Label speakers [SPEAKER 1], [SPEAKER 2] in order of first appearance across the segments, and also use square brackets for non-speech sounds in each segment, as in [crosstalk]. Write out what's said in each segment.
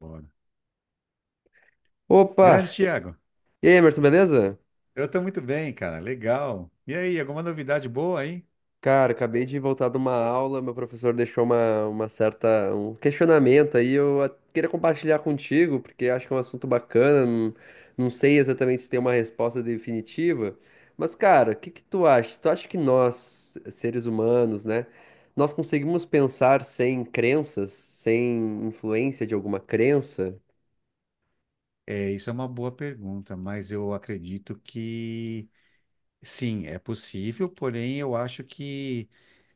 [SPEAKER 1] Bora.
[SPEAKER 2] Opa!
[SPEAKER 1] Grande Thiago.
[SPEAKER 2] E aí, Emerson, beleza?
[SPEAKER 1] Eu estou muito bem, cara. Legal. E aí, alguma novidade boa aí?
[SPEAKER 2] Cara, acabei de voltar de uma aula, meu professor deixou um questionamento aí, queria compartilhar contigo, porque acho que é um assunto bacana, não sei exatamente se tem uma resposta definitiva, mas cara, o que que tu acha? Tu acha que nós, seres humanos, né, nós conseguimos pensar sem crenças, sem influência de alguma crença?
[SPEAKER 1] É, isso é uma boa pergunta, mas eu acredito que sim, é possível, porém eu acho que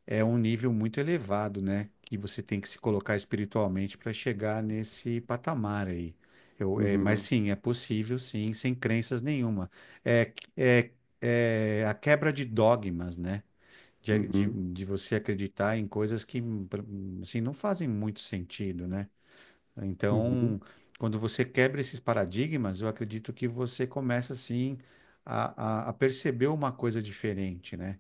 [SPEAKER 1] é um nível muito elevado, né? Que você tem que se colocar espiritualmente para chegar nesse patamar aí. Eu, é, mas
[SPEAKER 2] Uhum,
[SPEAKER 1] sim, é possível, sim, sem crenças nenhuma. É, é, é a quebra de dogmas, né? de, de,
[SPEAKER 2] uhum,
[SPEAKER 1] de você acreditar em coisas que assim, não fazem muito sentido, né?
[SPEAKER 2] uhum,
[SPEAKER 1] Então, quando você quebra esses paradigmas, eu acredito que você começa assim a perceber uma coisa diferente, né?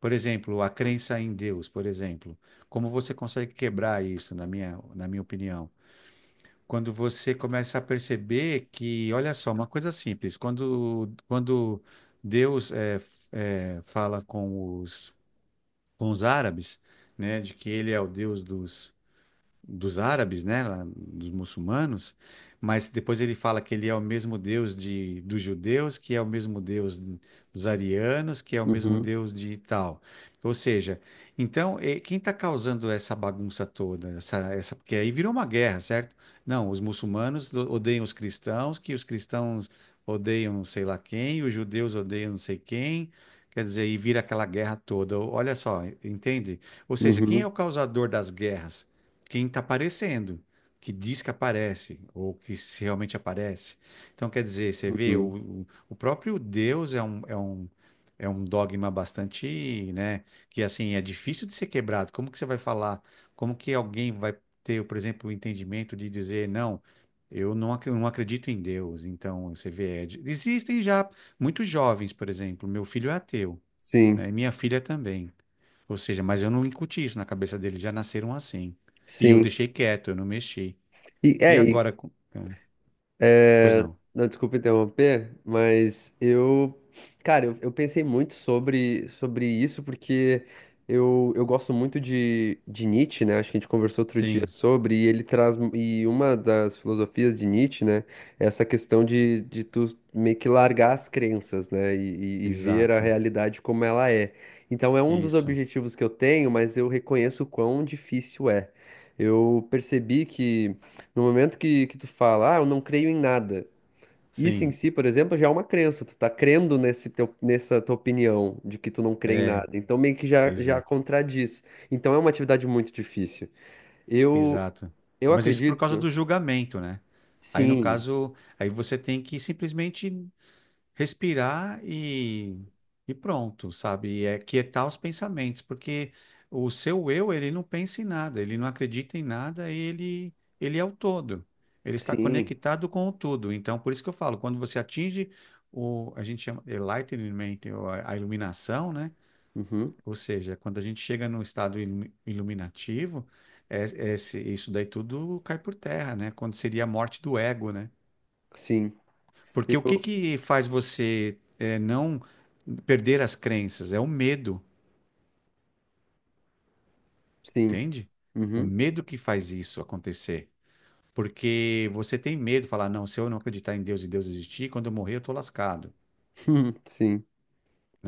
[SPEAKER 1] Por exemplo, a crença em Deus, por exemplo. Como você consegue quebrar isso, na minha opinião? Quando você começa a perceber que, olha só, uma coisa simples, quando Deus fala com os árabes, né, de que ele é o Deus dos dos árabes, né, lá, dos muçulmanos, mas depois ele fala que ele é o mesmo Deus de, dos judeus, que é o mesmo Deus dos arianos, que é o mesmo
[SPEAKER 2] uhum,
[SPEAKER 1] Deus de tal. Ou seja, então, quem está causando essa bagunça toda? Porque aí virou uma guerra, certo? Não, os muçulmanos odeiam os cristãos, que os cristãos odeiam não sei lá quem, os judeus odeiam não sei quem. Quer dizer, e vira aquela guerra toda. Olha só, entende? Ou seja, quem é
[SPEAKER 2] uhum,
[SPEAKER 1] o causador das guerras? Quem está aparecendo, que diz que aparece, ou que se realmente aparece. Então, quer dizer, você vê,
[SPEAKER 2] uhum.
[SPEAKER 1] o próprio Deus é um, é um dogma bastante, né, que assim, é difícil de ser quebrado. Como que você vai falar? Como que alguém vai ter, por exemplo, o entendimento de dizer, não, eu não, ac- não acredito em Deus. Então, você vê, existem já muitos jovens, por exemplo, meu filho é ateu,
[SPEAKER 2] Sim,
[SPEAKER 1] né, e minha filha também. Ou seja, mas eu não incuti isso na cabeça deles, já nasceram assim. E eu
[SPEAKER 2] sim.
[SPEAKER 1] deixei quieto, eu não mexi.
[SPEAKER 2] E,
[SPEAKER 1] E
[SPEAKER 2] é, e
[SPEAKER 1] agora. Pois
[SPEAKER 2] é,
[SPEAKER 1] não.
[SPEAKER 2] não, desculpa interromper, mas cara, eu pensei muito sobre isso, porque eu gosto muito de Nietzsche, né? Acho que a gente conversou outro dia
[SPEAKER 1] Sim,
[SPEAKER 2] sobre, e ele traz, e uma das filosofias de Nietzsche, né, é essa questão de tu meio que largar as crenças, né, e ver a
[SPEAKER 1] exato.
[SPEAKER 2] realidade como ela é. Então é um dos
[SPEAKER 1] Isso.
[SPEAKER 2] objetivos que eu tenho, mas eu reconheço o quão difícil é. Eu percebi que no momento que tu fala, ah, eu não creio em nada. Isso em
[SPEAKER 1] Sim,
[SPEAKER 2] si, por exemplo, já é uma crença. Tu tá crendo nesse nessa tua opinião de que tu não crê em
[SPEAKER 1] é,
[SPEAKER 2] nada. Então meio que já
[SPEAKER 1] exato,
[SPEAKER 2] contradiz. Então é uma atividade muito difícil. Eu,
[SPEAKER 1] exato.
[SPEAKER 2] eu
[SPEAKER 1] Mas isso por causa
[SPEAKER 2] acredito.
[SPEAKER 1] do julgamento, né? Aí no
[SPEAKER 2] Sim,
[SPEAKER 1] caso, aí você tem que simplesmente respirar e pronto, sabe? E é quietar os pensamentos, porque o seu eu, ele não pensa em nada, ele não acredita em nada, ele é o todo. Ele está
[SPEAKER 2] sim,
[SPEAKER 1] conectado com o tudo. Então, por isso que eu falo, quando você atinge o, a gente chama enlightenment, ou a iluminação, né?
[SPEAKER 2] uhum,
[SPEAKER 1] Ou seja, quando a gente chega num estado iluminativo, isso daí tudo cai por terra, né? Quando seria a morte do ego, né?
[SPEAKER 2] sim,
[SPEAKER 1] Porque o que
[SPEAKER 2] eu,
[SPEAKER 1] que faz você não perder as crenças? É o medo,
[SPEAKER 2] sim,
[SPEAKER 1] entende? O
[SPEAKER 2] uhum,
[SPEAKER 1] medo que faz isso acontecer. Porque você tem medo, falar, não, se eu não acreditar em Deus e Deus existir, quando eu morrer eu tô lascado,
[SPEAKER 2] [laughs] sim.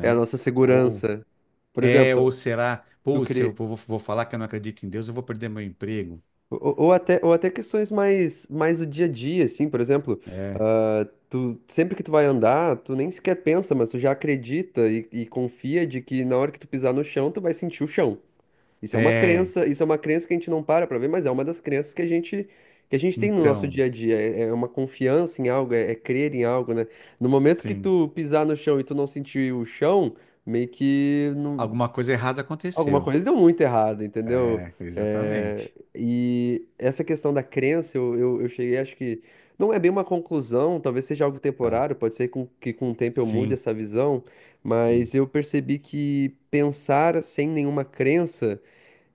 [SPEAKER 2] É a nossa
[SPEAKER 1] Ou
[SPEAKER 2] segurança. Por
[SPEAKER 1] ou
[SPEAKER 2] exemplo,
[SPEAKER 1] será,
[SPEAKER 2] tu
[SPEAKER 1] pô, se eu
[SPEAKER 2] crê,
[SPEAKER 1] vou, vou falar que eu não acredito em Deus, eu vou perder meu emprego.
[SPEAKER 2] Ou até questões mais do dia a dia, assim, por exemplo,
[SPEAKER 1] É,
[SPEAKER 2] ah, tu, sempre que tu vai andar, tu nem sequer pensa, mas tu já acredita e confia de que na hora que tu pisar no chão, tu vai sentir o chão. Isso é uma
[SPEAKER 1] é,
[SPEAKER 2] crença, isso é uma crença que a gente não para pra ver, mas é uma das crenças que que a gente tem no nosso
[SPEAKER 1] então,
[SPEAKER 2] dia a dia. É, é uma confiança em algo, é, é crer em algo, né? No momento que
[SPEAKER 1] sim,
[SPEAKER 2] tu pisar no chão e tu não sentir o chão, meio que não,
[SPEAKER 1] alguma coisa errada
[SPEAKER 2] alguma
[SPEAKER 1] aconteceu.
[SPEAKER 2] coisa deu muito errado, entendeu?
[SPEAKER 1] É,
[SPEAKER 2] É,
[SPEAKER 1] exatamente,
[SPEAKER 2] e essa questão da crença, eu cheguei, acho que não é bem uma conclusão, talvez seja algo
[SPEAKER 1] tá?
[SPEAKER 2] temporário, pode ser que com o tempo eu mude
[SPEAKER 1] Sim,
[SPEAKER 2] essa visão,
[SPEAKER 1] sim.
[SPEAKER 2] mas eu percebi que pensar sem nenhuma crença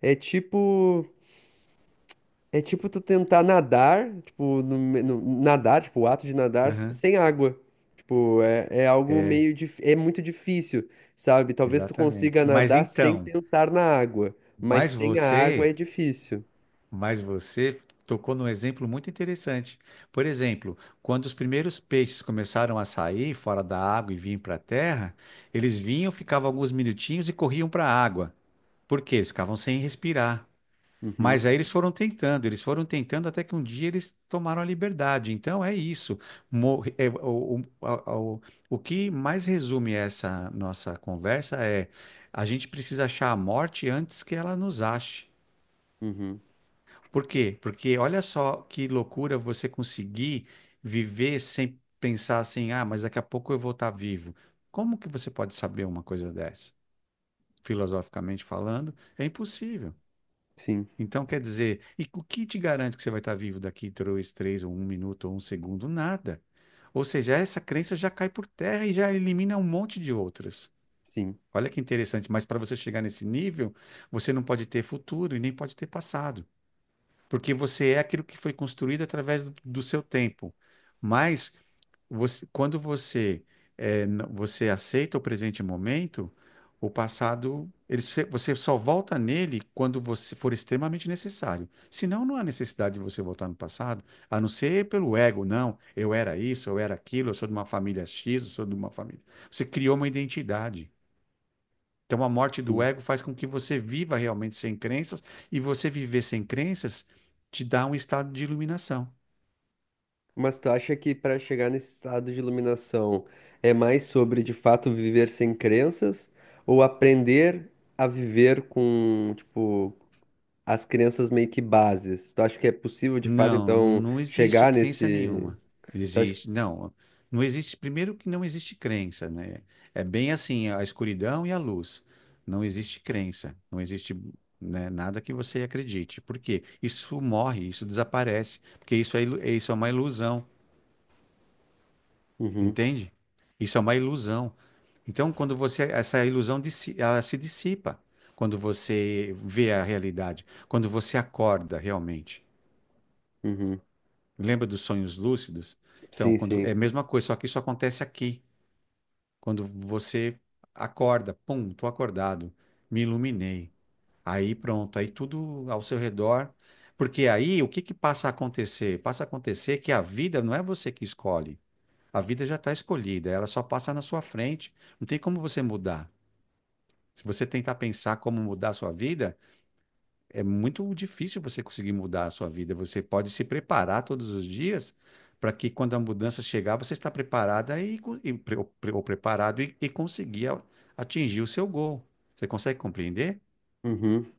[SPEAKER 2] é tipo. É tipo tu tentar nadar, tipo, nadar, tipo, o ato de nadar
[SPEAKER 1] Aham.
[SPEAKER 2] sem água. Tipo, é, é algo meio é muito difícil, sabe? Talvez tu
[SPEAKER 1] Exatamente.
[SPEAKER 2] consiga
[SPEAKER 1] Mas
[SPEAKER 2] nadar sem
[SPEAKER 1] então,
[SPEAKER 2] pensar na água, mas
[SPEAKER 1] mas
[SPEAKER 2] sem a água é
[SPEAKER 1] você,
[SPEAKER 2] difícil.
[SPEAKER 1] mas você tocou num exemplo muito interessante. Por exemplo, quando os primeiros peixes começaram a sair fora da água e vinham para a terra, eles vinham, ficavam alguns minutinhos e corriam para a água. Por quê? Eles ficavam sem respirar.
[SPEAKER 2] Uhum,
[SPEAKER 1] Mas aí eles foram tentando até que um dia eles tomaram a liberdade. Então é isso. Mor- é, o, o, a- o, o que mais resume essa nossa conversa é a gente precisa achar a morte antes que ela nos ache.
[SPEAKER 2] uhum.
[SPEAKER 1] Por quê? Porque olha só que loucura você conseguir viver sem pensar assim, ah, mas daqui a pouco eu vou estar vivo. Como que você pode saber uma coisa dessa? Filosoficamente falando, é impossível.
[SPEAKER 2] Sim,
[SPEAKER 1] Então, quer dizer, e o que te garante que você vai estar vivo daqui dois, três, ou um minuto, ou um segundo? Nada. Ou seja, essa crença já cai por terra e já elimina um monte de outras.
[SPEAKER 2] sim,
[SPEAKER 1] Olha que interessante, mas para você chegar nesse nível, você não pode ter futuro e nem pode ter passado, porque você é aquilo que foi construído através do seu tempo. Mas quando você você aceita o presente momento, o passado, ele se- você só volta nele quando você for extremamente necessário. Senão, não há necessidade de você voltar no passado, a não ser pelo ego, não, eu era isso, eu era aquilo, eu sou de uma família X, eu sou de uma família. Você criou uma identidade. Então, a morte do
[SPEAKER 2] sim.
[SPEAKER 1] ego faz com que você viva realmente sem crenças, e você viver sem crenças te dá um estado de iluminação.
[SPEAKER 2] Mas tu acha que para chegar nesse estado de iluminação é mais sobre de fato viver sem crenças ou aprender a viver com, tipo, as crianças meio que bases. Tu acha que é possível, de fato,
[SPEAKER 1] Não,
[SPEAKER 2] então,
[SPEAKER 1] não existe
[SPEAKER 2] chegar
[SPEAKER 1] crença
[SPEAKER 2] nesse.
[SPEAKER 1] nenhuma.
[SPEAKER 2] Tu
[SPEAKER 1] Existe,
[SPEAKER 2] acha...
[SPEAKER 1] não, não existe. Primeiro que não existe crença, né? É bem assim, a escuridão e a luz. Não existe crença, não existe, né, nada que você acredite. Por quê? Isso morre, isso desaparece, porque isso é uma ilusão,
[SPEAKER 2] Uhum,
[SPEAKER 1] entende? Isso é uma ilusão. Então, quando você, essa ilusão ela se dissipa quando você vê a realidade, quando você acorda realmente.
[SPEAKER 2] uhum.
[SPEAKER 1] Lembra dos sonhos lúcidos? Então,
[SPEAKER 2] Sim,
[SPEAKER 1] quando é
[SPEAKER 2] sim.
[SPEAKER 1] a mesma coisa, só que isso acontece aqui. Quando você acorda, pum, tô acordado, me iluminei. Aí pronto, aí tudo ao seu redor. Porque aí o que que passa a acontecer? Passa a acontecer que a vida não é você que escolhe. A vida já está escolhida, ela só passa na sua frente. Não tem como você mudar. Se você tentar pensar como mudar a sua vida, é muito difícil você conseguir mudar a sua vida. Você pode se preparar todos os dias para que quando a mudança chegar, você está preparada ou preparado e atingir o seu gol. Você consegue compreender?
[SPEAKER 2] Uhum.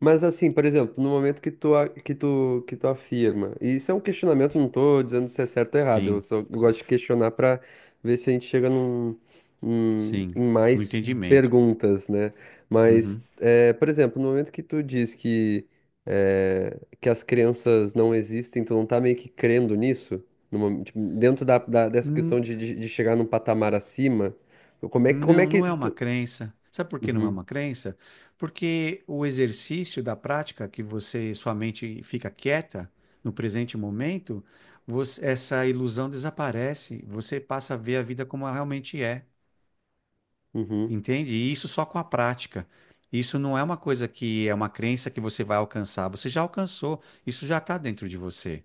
[SPEAKER 2] Mas assim, por exemplo, no momento que tu, a- que tu afirma, e isso é um questionamento, não tô dizendo se é certo ou errado, eu
[SPEAKER 1] Sim,
[SPEAKER 2] só gosto de questionar pra ver se a gente chega num,
[SPEAKER 1] sim,
[SPEAKER 2] em
[SPEAKER 1] no
[SPEAKER 2] mais
[SPEAKER 1] entendimento.
[SPEAKER 2] perguntas, né? Mas,
[SPEAKER 1] Uhum.
[SPEAKER 2] é, por exemplo, no momento que tu diz que, é, que as crenças não existem, tu não tá meio que crendo nisso, No mom- tipo, dentro dessa
[SPEAKER 1] Hum,
[SPEAKER 2] questão de chegar num patamar acima, como é, como é
[SPEAKER 1] não,
[SPEAKER 2] que
[SPEAKER 1] não é uma
[SPEAKER 2] tu...
[SPEAKER 1] crença. Sabe por que não é
[SPEAKER 2] Uhum,
[SPEAKER 1] uma crença? Porque o exercício da prática, que você, sua mente fica quieta no presente momento, essa ilusão desaparece. Você passa a ver a vida como ela realmente é,
[SPEAKER 2] uhum,
[SPEAKER 1] entende? E isso só com a prática. Isso não é uma coisa que é uma crença que você vai alcançar. Você já alcançou. Isso já está dentro de você.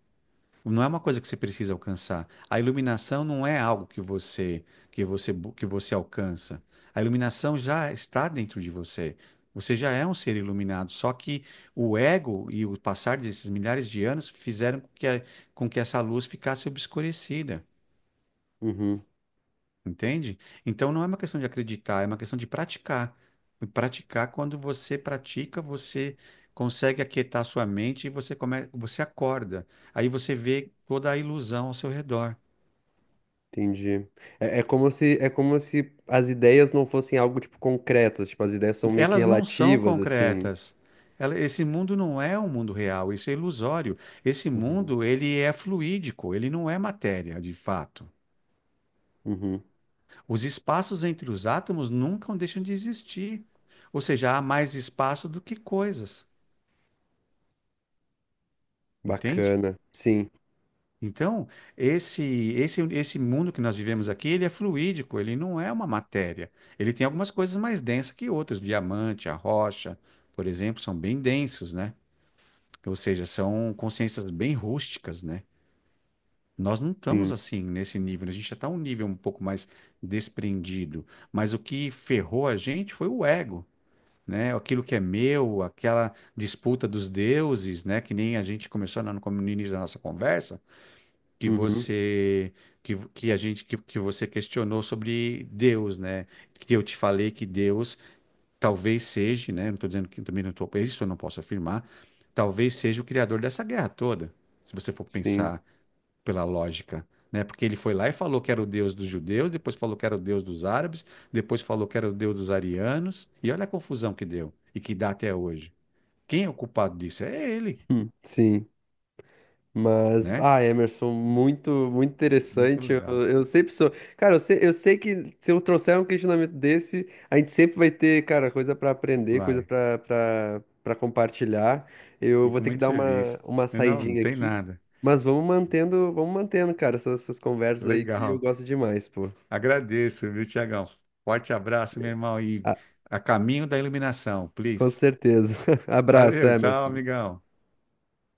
[SPEAKER 1] Não é uma coisa que você precisa alcançar. A iluminação não é algo que você que você alcança. A iluminação já está dentro de você. Você já é um ser iluminado, só que o ego e o passar desses milhares de anos fizeram com que, com que essa luz ficasse obscurecida,
[SPEAKER 2] uhum.
[SPEAKER 1] entende? Então não é uma questão de acreditar, é uma questão de praticar. E praticar, quando você pratica, você consegue aquietar sua mente e você come, você acorda. Aí você vê toda a ilusão ao seu redor.
[SPEAKER 2] Entendi. É, é como se as ideias não fossem algo, tipo, concretas. Tipo, as ideias são meio que
[SPEAKER 1] Elas não são
[SPEAKER 2] relativas, assim.
[SPEAKER 1] concretas. Esse mundo não é um mundo real, isso é ilusório. Esse
[SPEAKER 2] Uhum.
[SPEAKER 1] mundo, ele é fluídico, ele não é matéria, de fato.
[SPEAKER 2] Uhum.
[SPEAKER 1] Os espaços entre os átomos nunca deixam de existir. Ou seja, há mais espaço do que coisas, entende?
[SPEAKER 2] Bacana. Sim,
[SPEAKER 1] Então, esse, esse mundo que nós vivemos aqui, ele é fluídico, ele não é uma matéria. Ele tem algumas coisas mais densas que outras. O diamante, a rocha, por exemplo, são bem densos, né? Ou seja, são consciências bem rústicas, né? Nós não estamos
[SPEAKER 2] sim.
[SPEAKER 1] assim nesse nível, a gente já está um nível um pouco mais desprendido, mas o que ferrou a gente foi o ego, né? Aquilo que é meu, aquela disputa dos deuses, né? Que nem a gente começou lá no início da nossa conversa, que
[SPEAKER 2] Uhum.
[SPEAKER 1] você que a gente que você questionou sobre Deus, né? Que eu te falei que Deus talvez seja, né? Não estou dizendo que também não estou, isso eu não posso afirmar, talvez seja o criador dessa guerra toda, se você for
[SPEAKER 2] Sim.
[SPEAKER 1] pensar pela lógica, né? Porque ele foi lá e falou que era o Deus dos judeus, depois falou que era o Deus dos árabes, depois falou que era o Deus dos arianos, e olha a confusão que deu e que dá até hoje. Quem é o culpado disso? É ele,
[SPEAKER 2] [laughs] Sim. Mas,
[SPEAKER 1] né?
[SPEAKER 2] ah, Emerson, muito, muito
[SPEAKER 1] Muito
[SPEAKER 2] interessante.
[SPEAKER 1] legal.
[SPEAKER 2] Eu sempre sou. Cara, eu sei que se eu trouxer um questionamento desse, a gente sempre vai ter, cara, coisa para aprender, coisa
[SPEAKER 1] Vai.
[SPEAKER 2] para compartilhar. Eu vou
[SPEAKER 1] Fico
[SPEAKER 2] ter que
[SPEAKER 1] muito
[SPEAKER 2] dar
[SPEAKER 1] feliz.
[SPEAKER 2] uma
[SPEAKER 1] Não, não
[SPEAKER 2] saidinha
[SPEAKER 1] tem
[SPEAKER 2] aqui,
[SPEAKER 1] nada.
[SPEAKER 2] mas vamos mantendo, cara, essas conversas aí que eu
[SPEAKER 1] Legal.
[SPEAKER 2] gosto demais, pô.
[SPEAKER 1] Agradeço, viu, Tiagão? Forte abraço, meu irmão, e
[SPEAKER 2] Ah,
[SPEAKER 1] a caminho da iluminação,
[SPEAKER 2] com
[SPEAKER 1] please.
[SPEAKER 2] certeza. [laughs] Abraço,
[SPEAKER 1] Valeu, tchau,
[SPEAKER 2] Emerson.
[SPEAKER 1] amigão.